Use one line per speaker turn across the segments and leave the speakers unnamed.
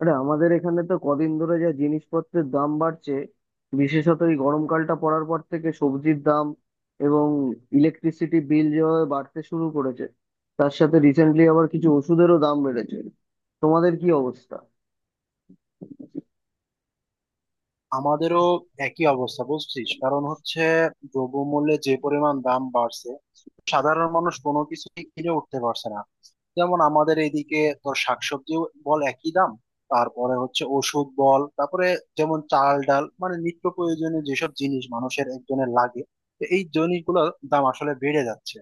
আরে আমাদের এখানে তো কদিন ধরে যা জিনিসপত্রের দাম বাড়ছে, বিশেষত এই গরমকালটা পড়ার পর থেকে সবজির দাম এবং ইলেকট্রিসিটি বিল যেভাবে বাড়তে শুরু করেছে, তার সাথে রিসেন্টলি আবার কিছু ওষুধেরও দাম বেড়েছে। তোমাদের কি অবস্থা?
আমাদেরও একই অবস্থা বুঝছিস। কারণ হচ্ছে দ্রব্যমূল্যে যে পরিমাণ দাম বাড়ছে, সাধারণ মানুষ কোনো কিছুই কিনে উঠতে পারছে না। যেমন আমাদের এইদিকে তোর শাকসবজি বল, একই দাম। তারপরে হচ্ছে ওষুধ বল, তারপরে যেমন চাল ডাল, মানে নিত্য প্রয়োজনীয় যেসব জিনিস মানুষের একজনের লাগে, তো এই জিনিসগুলোর দাম আসলে বেড়ে যাচ্ছে।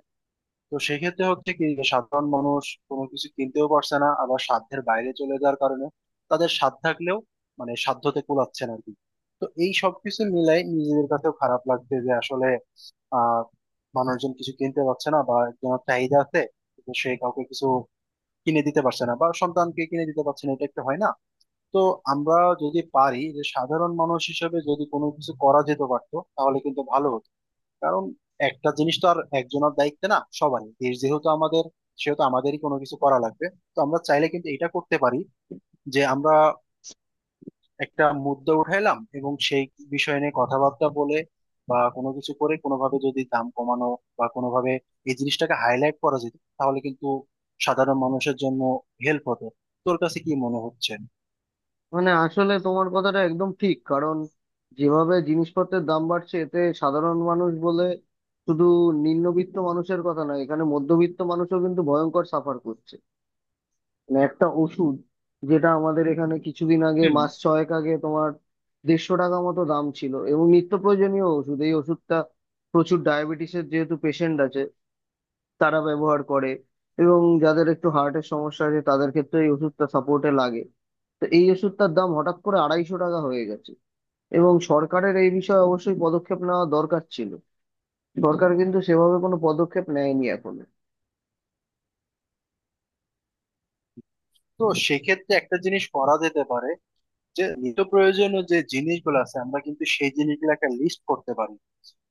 তো সেক্ষেত্রে হচ্ছে কি, যে সাধারণ মানুষ কোনো কিছু কিনতেও পারছে না, আবার সাধ্যের বাইরে চলে যাওয়ার কারণে তাদের সাধ্য থাকলেও মানে সাধ্যতে কুলাচ্ছে না আর কি। তো এই সব কিছু মিলাই নিজেদের কাছেও খারাপ লাগছে যে আসলে আহ মানুষজন কিছু কিনতে পারছে না, বা একজনের চাহিদা আছে কিন্তু সে কাউকে কিছু কিনে দিতে পারছে না, বা সন্তানকে কিনে দিতে পারছে না, এটা একটা হয় না। তো আমরা যদি পারি, যে সাধারণ মানুষ হিসেবে যদি কোনো কিছু করা যেতে পারতো তাহলে কিন্তু ভালো হতো। কারণ একটা জিনিস তো আর একজনের দায়িত্ব না, সবারই দেশ যেহেতু আমাদের, সেহেতু আমাদেরই কোনো কিছু করা লাগবে। তো আমরা চাইলে কিন্তু এটা করতে পারি, যে আমরা একটা মুদ্দা উঠাইলাম এবং সেই বিষয় নিয়ে কথাবার্তা বলে বা কোনো কিছু করে কোনোভাবে যদি দাম কমানো বা কোনোভাবে এই জিনিসটাকে হাইলাইট করা যেত, তাহলে কিন্তু সাধারণ মানুষের জন্য হেল্প হতো। তোর কাছে কি মনে হচ্ছে?
মানে আসলে তোমার কথাটা একদম ঠিক, কারণ যেভাবে জিনিসপত্রের দাম বাড়ছে এতে সাধারণ মানুষ বলে শুধু নিম্নবিত্ত মানুষের কথা না, এখানে মধ্যবিত্ত মানুষও কিন্তু ভয়ঙ্কর সাফার করছে। মানে একটা ওষুধ, যেটা আমাদের এখানে কিছুদিন আগে,
হুম।
মাস ছয়েক আগে তোমার 150 টাকা মতো দাম ছিল এবং নিত্য প্রয়োজনীয় ওষুধ, এই ওষুধটা প্রচুর ডায়াবেটিসের যেহেতু পেশেন্ট আছে তারা ব্যবহার করে, এবং যাদের একটু হার্টের সমস্যা আছে তাদের ক্ষেত্রে এই ওষুধটা সাপোর্টে লাগে। তো এই ওষুধটার দাম হঠাৎ করে 250 টাকা হয়ে গেছে, এবং সরকারের এই বিষয়ে অবশ্যই পদক্ষেপ নেওয়া দরকার ছিল। সরকার কিন্তু সেভাবে কোনো পদক্ষেপ নেয়নি এখনো।
তো সেক্ষেত্রে একটা জিনিস করা যেতে পারে, যে নিত্য প্রয়োজনীয় যে জিনিসগুলো আছে আমরা কিন্তু সেই জিনিসগুলো একটা লিস্ট করতে পারি।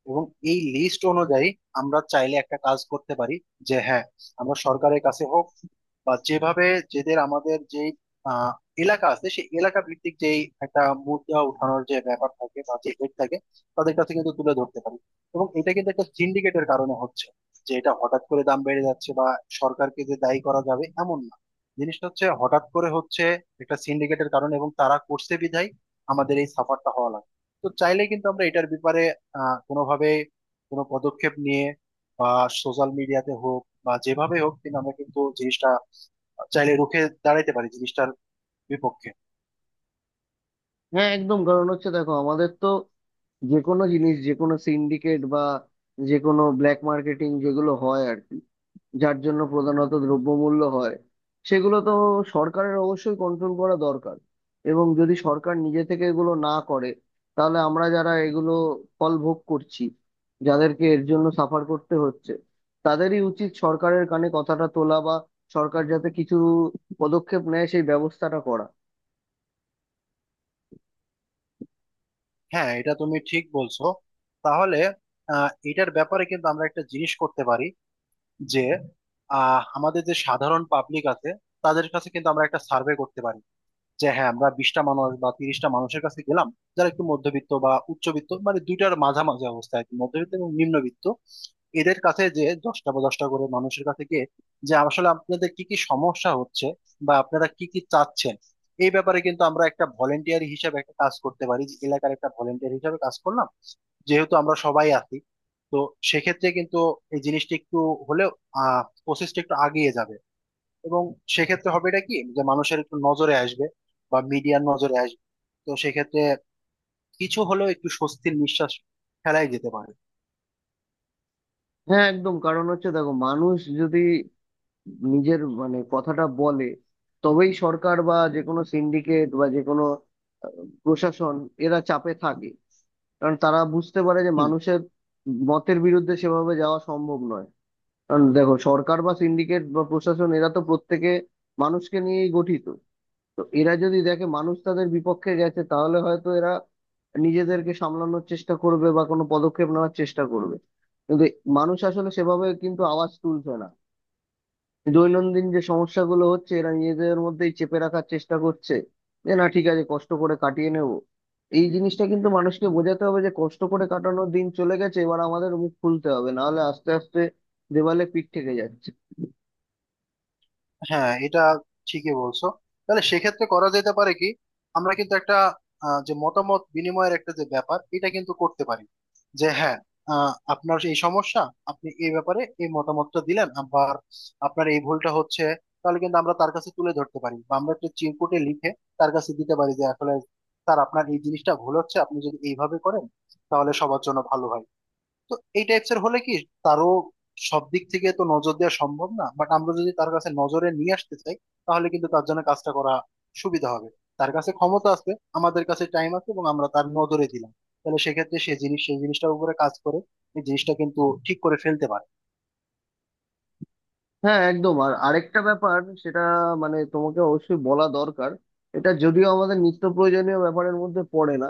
এবং এই লিস্ট অনুযায়ী আমরা চাইলে একটা কাজ করতে পারি, যে হ্যাঁ আমরা সরকারের কাছে হোক বা যেভাবে, যেদের আমাদের যে আহ, এলাকা আছে সেই এলাকা ভিত্তিক যেই একটা মুদ্রা উঠানোর যে ব্যাপার থাকে বা যে হেড থাকে, তাদের কাছে কিন্তু তুলে ধরতে পারি। এবং এটা কিন্তু একটা সিন্ডিকেটের কারণে হচ্ছে, যে এটা হঠাৎ করে দাম বেড়ে যাচ্ছে, বা সরকারকে যে দায়ী করা যাবে এমন না। জিনিসটা হচ্ছে হঠাৎ করে হচ্ছে একটা সিন্ডিকেটের কারণে, এবং তারা করছে বিধায় আমাদের এই সাফারটা হওয়া লাগে। তো চাইলে কিন্তু আমরা এটার ব্যাপারে কোনোভাবে কোনো পদক্ষেপ নিয়ে বা সোশ্যাল মিডিয়াতে হোক বা যেভাবে হোক, কিন্তু আমরা কিন্তু জিনিসটা চাইলে রুখে দাঁড়াইতে পারি, জিনিসটার বিপক্ষে।
হ্যাঁ একদম, কারণ হচ্ছে দেখো আমাদের তো যে কোনো জিনিস, যে কোনো সিন্ডিকেট বা যে কোনো ব্ল্যাক মার্কেটিং যেগুলো হয় আর কি, যার জন্য প্রধানত দ্রব্যমূল্য হয়, সেগুলো তো সরকারের অবশ্যই কন্ট্রোল করা দরকার। এবং যদি সরকার নিজে থেকে এগুলো না করে, তাহলে আমরা যারা এগুলো ফল ভোগ করছি, যাদেরকে এর জন্য সাফার করতে হচ্ছে, তাদেরই উচিত সরকারের কানে কথাটা তোলা বা সরকার যাতে কিছু পদক্ষেপ নেয় সেই ব্যবস্থাটা করা।
হ্যাঁ এটা তুমি ঠিক বলছো। তাহলে এটার ব্যাপারে কিন্তু আমরা একটা জিনিস করতে পারি, যে আমাদের যে সাধারণ পাবলিক আছে তাদের কাছে কিন্তু আমরা একটা সার্ভে করতে পারি, যে হ্যাঁ আমরা 20টা মানুষ বা 30টা মানুষের কাছে গেলাম, যারা একটু মধ্যবিত্ত বা উচ্চবিত্ত মানে দুইটার মাঝামাঝি অবস্থা আর কি, মধ্যবিত্ত এবং নিম্নবিত্ত। এদের কাছে যে 10টা বা 10টা করে মানুষের কাছে গিয়ে যে আসলে আপনাদের কি কি সমস্যা হচ্ছে বা আপনারা কি কি চাচ্ছেন, এই ব্যাপারে কিন্তু আমরা একটা ভলেন্টিয়ার হিসাবে একটা কাজ করতে পারি, যে এলাকার একটা ভলেন্টিয়ার হিসাবে কাজ করলাম, যেহেতু আমরা সবাই আছি। তো সেক্ষেত্রে কিন্তু এই জিনিসটা একটু হলেও প্রসেসটা একটু আগিয়ে যাবে। এবং সেক্ষেত্রে হবে এটা কি যে মানুষের একটু নজরে আসবে বা মিডিয়ার নজরে আসবে। তো সেক্ষেত্রে কিছু হলেও একটু স্বস্তির নিঃশ্বাস ফেলাই যেতে পারে।
হ্যাঁ একদম, কারণ হচ্ছে দেখো মানুষ যদি নিজের মানে কথাটা বলে, তবেই সরকার বা যে কোনো সিন্ডিকেট বা যে কোনো আহ, প্রশাসন এরা চাপে থাকে। কারণ তারা বুঝতে পারে যে
হুম।
মানুষের মতের বিরুদ্ধে সেভাবে যাওয়া সম্ভব নয়। কারণ দেখো সরকার বা সিন্ডিকেট বা প্রশাসন এরা তো প্রত্যেকে মানুষকে নিয়েই গঠিত। তো এরা যদি দেখে মানুষ তাদের বিপক্ষে গেছে, তাহলে হয়তো এরা নিজেদেরকে সামলানোর চেষ্টা করবে বা কোনো পদক্ষেপ নেওয়ার চেষ্টা করবে। কিন্তু মানুষ আসলে সেভাবে কিন্তু আওয়াজ তুলছে না, দৈনন্দিন যে সমস্যাগুলো হচ্ছে এরা নিজেদের মধ্যেই চেপে রাখার চেষ্টা করছে, যে না ঠিক আছে কষ্ট করে কাটিয়ে নেব। এই জিনিসটা কিন্তু মানুষকে বোঝাতে হবে যে কষ্ট করে কাটানোর দিন চলে গেছে, এবার আমাদের মুখ খুলতে হবে, নাহলে আস্তে আস্তে দেওয়ালে পিঠ থেকে যাচ্ছে।
হ্যাঁ এটা ঠিকই বলছো। তাহলে সেক্ষেত্রে করা যেতে পারে কি, আমরা কিন্তু একটা যে মতামত বিনিময়ের একটা যে ব্যাপার, এটা কিন্তু করতে পারি, যে হ্যাঁ আপনার এই সমস্যা, আপনি এই ব্যাপারে এই মতামতটা দিলেন, আবার আপনার এই ভুলটা হচ্ছে। তাহলে কিন্তু আমরা তার কাছে তুলে ধরতে পারি, বা আমরা একটা চিরকুটে লিখে তার কাছে দিতে পারি যে আসলে স্যার, আপনার এই জিনিসটা ভুল হচ্ছে, আপনি যদি এইভাবে করেন তাহলে সবার জন্য ভালো হয়। তো এই টাইপস এর হলে কি তারও সব দিক থেকে তো নজর দেওয়া সম্ভব না, বাট আমরা যদি তার কাছে নজরে নিয়ে আসতে চাই, তাহলে কিন্তু তার জন্য কাজটা করা সুবিধা হবে। তার কাছে ক্ষমতা আছে, আমাদের কাছে টাইম আছে, এবং আমরা তার নজরে দিলাম, তাহলে সেক্ষেত্রে সে জিনিস সেই জিনিসটার উপরে কাজ করে এই জিনিসটা কিন্তু ঠিক করে ফেলতে পারে।
হ্যাঁ একদম, আর আরেকটা ব্যাপার, সেটা মানে তোমাকে অবশ্যই বলা দরকার। এটা যদিও আমাদের নিত্য প্রয়োজনীয় ব্যাপারের মধ্যে পড়ে না,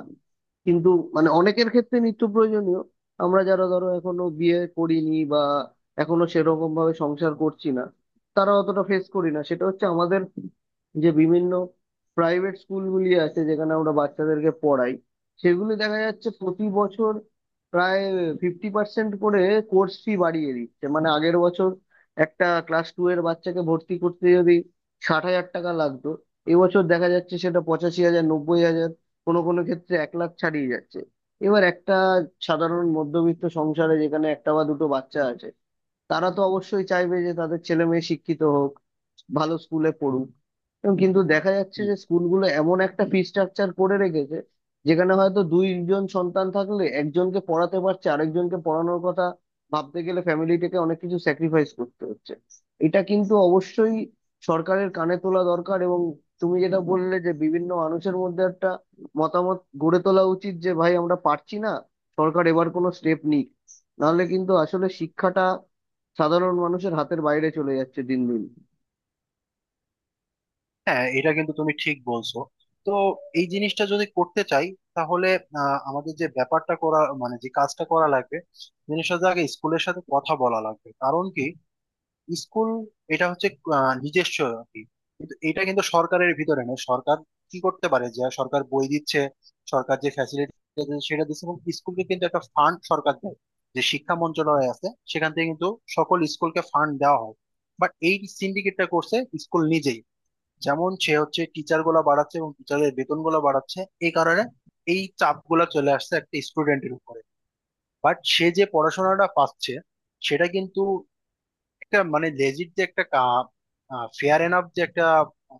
কিন্তু মানে অনেকের ক্ষেত্রে নিত্য প্রয়োজনীয়। আমরা যারা ধরো এখনো বিয়ে করিনি বা এখনো সেরকম ভাবে সংসার করছি না, তারা অতটা ফেস করি না। সেটা হচ্ছে আমাদের যে বিভিন্ন প্রাইভেট স্কুলগুলি আছে যেখানে আমরা বাচ্চাদেরকে পড়াই, সেগুলি দেখা যাচ্ছে প্রতি বছর প্রায় 50% করে কোর্স ফি বাড়িয়ে দিচ্ছে। মানে আগের বছর একটা ক্লাস টু এর বাচ্চাকে ভর্তি করতে যদি 60,000 টাকা লাগতো, এবছর দেখা যাচ্ছে সেটা 85,000, 90,000, কোনো কোনো ক্ষেত্রে 1,00,000 ছাড়িয়ে যাচ্ছে। এবার একটা সাধারণ মধ্যবিত্ত সংসারে যেখানে একটা বা দুটো বাচ্চা আছে, তারা তো অবশ্যই চাইবে যে তাদের ছেলে মেয়ে শিক্ষিত হোক, ভালো স্কুলে পড়ুক। এবং কিন্তু দেখা যাচ্ছে
হুম।
যে স্কুলগুলো এমন একটা ফি স্ট্রাকচার করে রেখেছে যেখানে হয়তো দুইজন সন্তান থাকলে একজনকে পড়াতে পারছে, আরেকজনকে পড়ানোর কথা ভাবতে গেলে ফ্যামিলিটাকে অনেক কিছু স্যাক্রিফাইস করতে হচ্ছে। এটা কিন্তু অবশ্যই সরকারের কানে তোলা দরকার। এবং তুমি যেটা বললে যে বিভিন্ন মানুষের মধ্যে একটা মতামত গড়ে তোলা উচিত যে ভাই আমরা পারছি না, সরকার এবার কোনো স্টেপ নিক, নাহলে কিন্তু আসলে শিক্ষাটা সাধারণ মানুষের হাতের বাইরে চলে যাচ্ছে দিন দিন।
হ্যাঁ এটা কিন্তু তুমি ঠিক বলছো। তো এই জিনিসটা যদি করতে চাই তাহলে আমাদের যে ব্যাপারটা করা মানে যে কাজটা করা লাগবে, জিনিসটা আগে স্কুলের সাথে কথা বলা লাগবে। কারণ কি, স্কুল এটা হচ্ছে নিজস্ব আর কি। কিন্তু এটা কিন্তু সরকারের ভিতরে নেই। সরকার কি করতে পারে, যে সরকার বই দিচ্ছে, সরকার যে ফ্যাসিলিটি সেটা দিচ্ছে, এবং স্কুলকে কিন্তু একটা ফান্ড সরকার দেয়, যে শিক্ষা মন্ত্রণালয় আছে সেখান থেকে কিন্তু সকল স্কুলকে ফান্ড দেওয়া হয়। বাট এই সিন্ডিকেটটা করছে স্কুল নিজেই। যেমন সে হচ্ছে টিচার গুলা বাড়াচ্ছে এবং টিচারের বেতন গুলা বাড়াচ্ছে, এই কারণে এই চাপ গুলা চলে আসছে একটা স্টুডেন্টের উপরে। বাট সে যে পড়াশোনাটা পাচ্ছে সেটা কিন্তু একটা মানে লেজিট, যে একটা ফেয়ার এনাফ যে একটা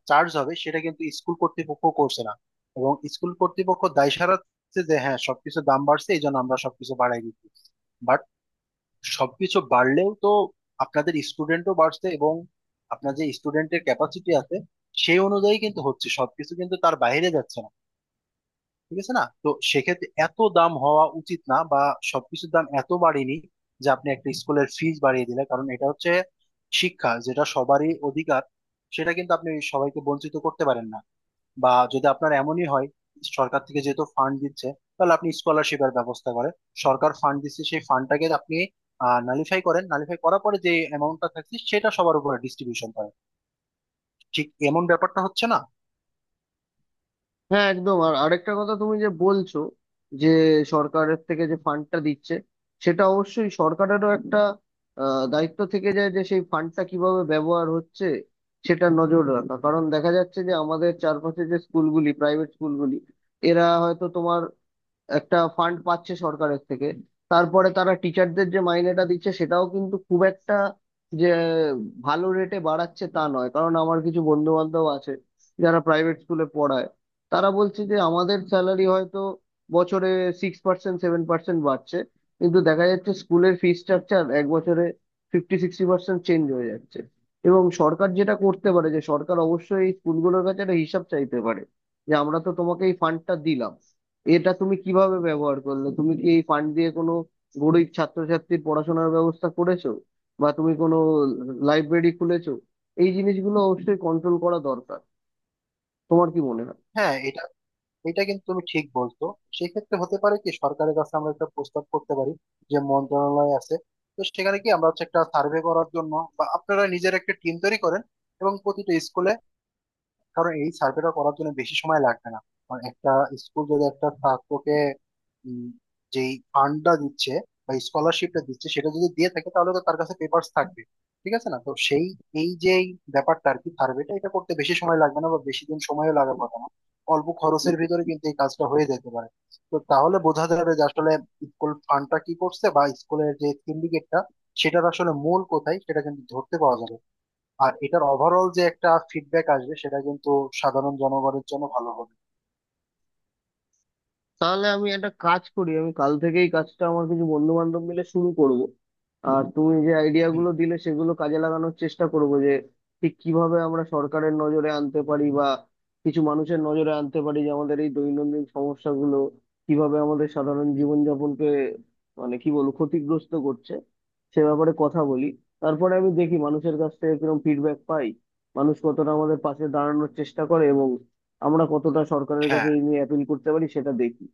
চার্জ হবে, সেটা কিন্তু স্কুল কর্তৃপক্ষ করছে না। এবং স্কুল কর্তৃপক্ষ দায় সারাচ্ছে যে হ্যাঁ, সবকিছু দাম বাড়ছে এই জন্য আমরা সবকিছু বাড়াই দিচ্ছি। বাট সবকিছু বাড়লেও তো আপনাদের স্টুডেন্টও বাড়ছে, এবং আপনার যে স্টুডেন্টের ক্যাপাসিটি আছে সেই অনুযায়ী কিন্তু হচ্ছে, সবকিছু কিন্তু তার বাইরে যাচ্ছে না, ঠিক আছে না? তো সেক্ষেত্রে এত দাম হওয়া উচিত না, বা সবকিছুর দাম এত বাড়েনি যে আপনি একটা স্কুলের ফিজ বাড়িয়ে দিলে, কারণ এটা হচ্ছে শিক্ষা, যেটা সবারই অধিকার, সেটা কিন্তু আপনি সবাইকে বঞ্চিত করতে পারেন না। বা যদি আপনার এমনই হয়, সরকার থেকে যেহেতু ফান্ড দিচ্ছে, তাহলে আপনি স্কলারশিপের ব্যবস্থা করেন। সরকার ফান্ড দিচ্ছে, সেই ফান্ডটাকে আপনি নালিফাই করেন, নালিফাই করার পরে যে অ্যামাউন্টটা থাকছে সেটা সবার উপরে ডিস্ট্রিবিউশন করেন। ঠিক এমন ব্যাপারটা হচ্ছে না।
হ্যাঁ একদম, আর আরেকটা কথা তুমি যে বলছো যে সরকারের থেকে যে ফান্ডটা দিচ্ছে, সেটা অবশ্যই সরকারেরও একটা দায়িত্ব থেকে যায় যে সেই ফান্ডটা কিভাবে ব্যবহার হচ্ছে সেটা নজর রাখা। কারণ দেখা যাচ্ছে যে আমাদের চারপাশে যে স্কুলগুলি, প্রাইভেট স্কুলগুলি, এরা হয়তো তোমার একটা ফান্ড পাচ্ছে সরকারের থেকে, তারপরে তারা টিচারদের যে মাইনেটা দিচ্ছে সেটাও কিন্তু খুব একটা যে ভালো রেটে বাড়াচ্ছে তা নয়। কারণ আমার কিছু বন্ধু বান্ধব আছে যারা প্রাইভেট স্কুলে পড়ায়, তারা বলছে যে আমাদের স্যালারি হয়তো বছরে 6%, 7% বাড়ছে, কিন্তু দেখা যাচ্ছে স্কুলের ফি স্ট্রাকচার এক বছরে ফিফটি সিক্সটি পার্সেন্ট চেঞ্জ হয়ে যাচ্ছে। এবং সরকার যেটা করতে পারে, যে সরকার অবশ্যই এই স্কুলগুলোর কাছে একটা হিসাব চাইতে পারে, যে আমরা তো তোমাকে এই ফান্ডটা দিলাম, এটা তুমি কিভাবে ব্যবহার করলে, তুমি কি এই ফান্ড দিয়ে কোনো গরিব ছাত্রছাত্রীর পড়াশোনার ব্যবস্থা করেছো বা তুমি কোনো লাইব্রেরি খুলেছো? এই জিনিসগুলো অবশ্যই কন্ট্রোল করা দরকার। তোমার কি মনে হয়?
হ্যাঁ এটা এটা কিন্তু তুমি ঠিক বলছো। সেক্ষেত্রে হতে পারে কি, সরকারের কাছে আমরা একটা প্রস্তাব করতে পারি যে মন্ত্রণালয় আছে, তো সেখানে কি আমরা হচ্ছে একটা সার্ভে করার জন্য বা আপনারা নিজের একটা টিম তৈরি করেন, এবং প্রতিটা স্কুলে। কারণ এই সার্ভেটা করার জন্য বেশি সময় লাগবে না। কারণ একটা স্কুল যদি একটা ছাত্রকে উম, যেই ফান্ডটা দিচ্ছে বা স্কলারশিপটা দিচ্ছে, সেটা যদি দিয়ে থাকে তাহলে তো তার কাছে পেপার্স থাকবে, ঠিক আছে না? তো সেই এই যে ব্যাপারটা আর কি, সার্ভেটা এটা করতে বেশি সময় লাগবে না বা বেশি দিন সময়ও লাগার কথা না, অল্প খরচের ভিতরে কিন্তু এই কাজটা হয়ে যেতে পারে। তো তাহলে বোঝা যাবে যে আসলে স্কুল ফান্ডটা কি করছে, বা স্কুলের যে সিন্ডিকেটটা সেটার আসলে মূল কোথায় সেটা কিন্তু ধরতে পাওয়া যাবে। আর এটার ওভারঅল যে একটা ফিডব্যাক আসবে সেটা কিন্তু সাধারণ জনগণের জন্য ভালো হবে।
তাহলে আমি একটা কাজ করি, আমি কাল থেকেই কাজটা আমার কিছু বন্ধু বান্ধব মিলে শুরু করব। আর তুমি যে আইডিয়া
হুম,
গুলো দিলে সেগুলো কাজে লাগানোর চেষ্টা করব, যে ঠিক কিভাবে আমরা সরকারের নজরে আনতে পারি বা কিছু মানুষের নজরে আনতে পারি যে আমাদের এই দৈনন্দিন সমস্যাগুলো কিভাবে আমাদের সাধারণ
হুম,
জীবনযাপনকে মানে কি বলবো ক্ষতিগ্রস্ত করছে, সে ব্যাপারে কথা বলি। তারপরে আমি দেখি মানুষের কাছ থেকে কিরকম ফিডব্যাক পাই, মানুষ কতটা আমাদের পাশে দাঁড়ানোর চেষ্টা করে, এবং আমরা কতটা সরকারের কাছে
হ্যাঁ,
এই নিয়ে অ্যাপিল করতে পারি সেটা দেখি।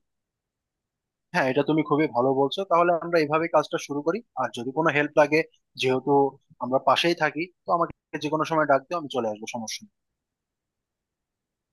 হ্যাঁ এটা তুমি খুবই ভালো বলছো। তাহলে আমরা এইভাবে কাজটা শুরু করি, আর যদি কোনো হেল্প লাগে, যেহেতু আমরা পাশেই থাকি, তো আমাকে যে কোনো সময় ডাক দিও, আমি চলে আসবো। সমস্যা নেই।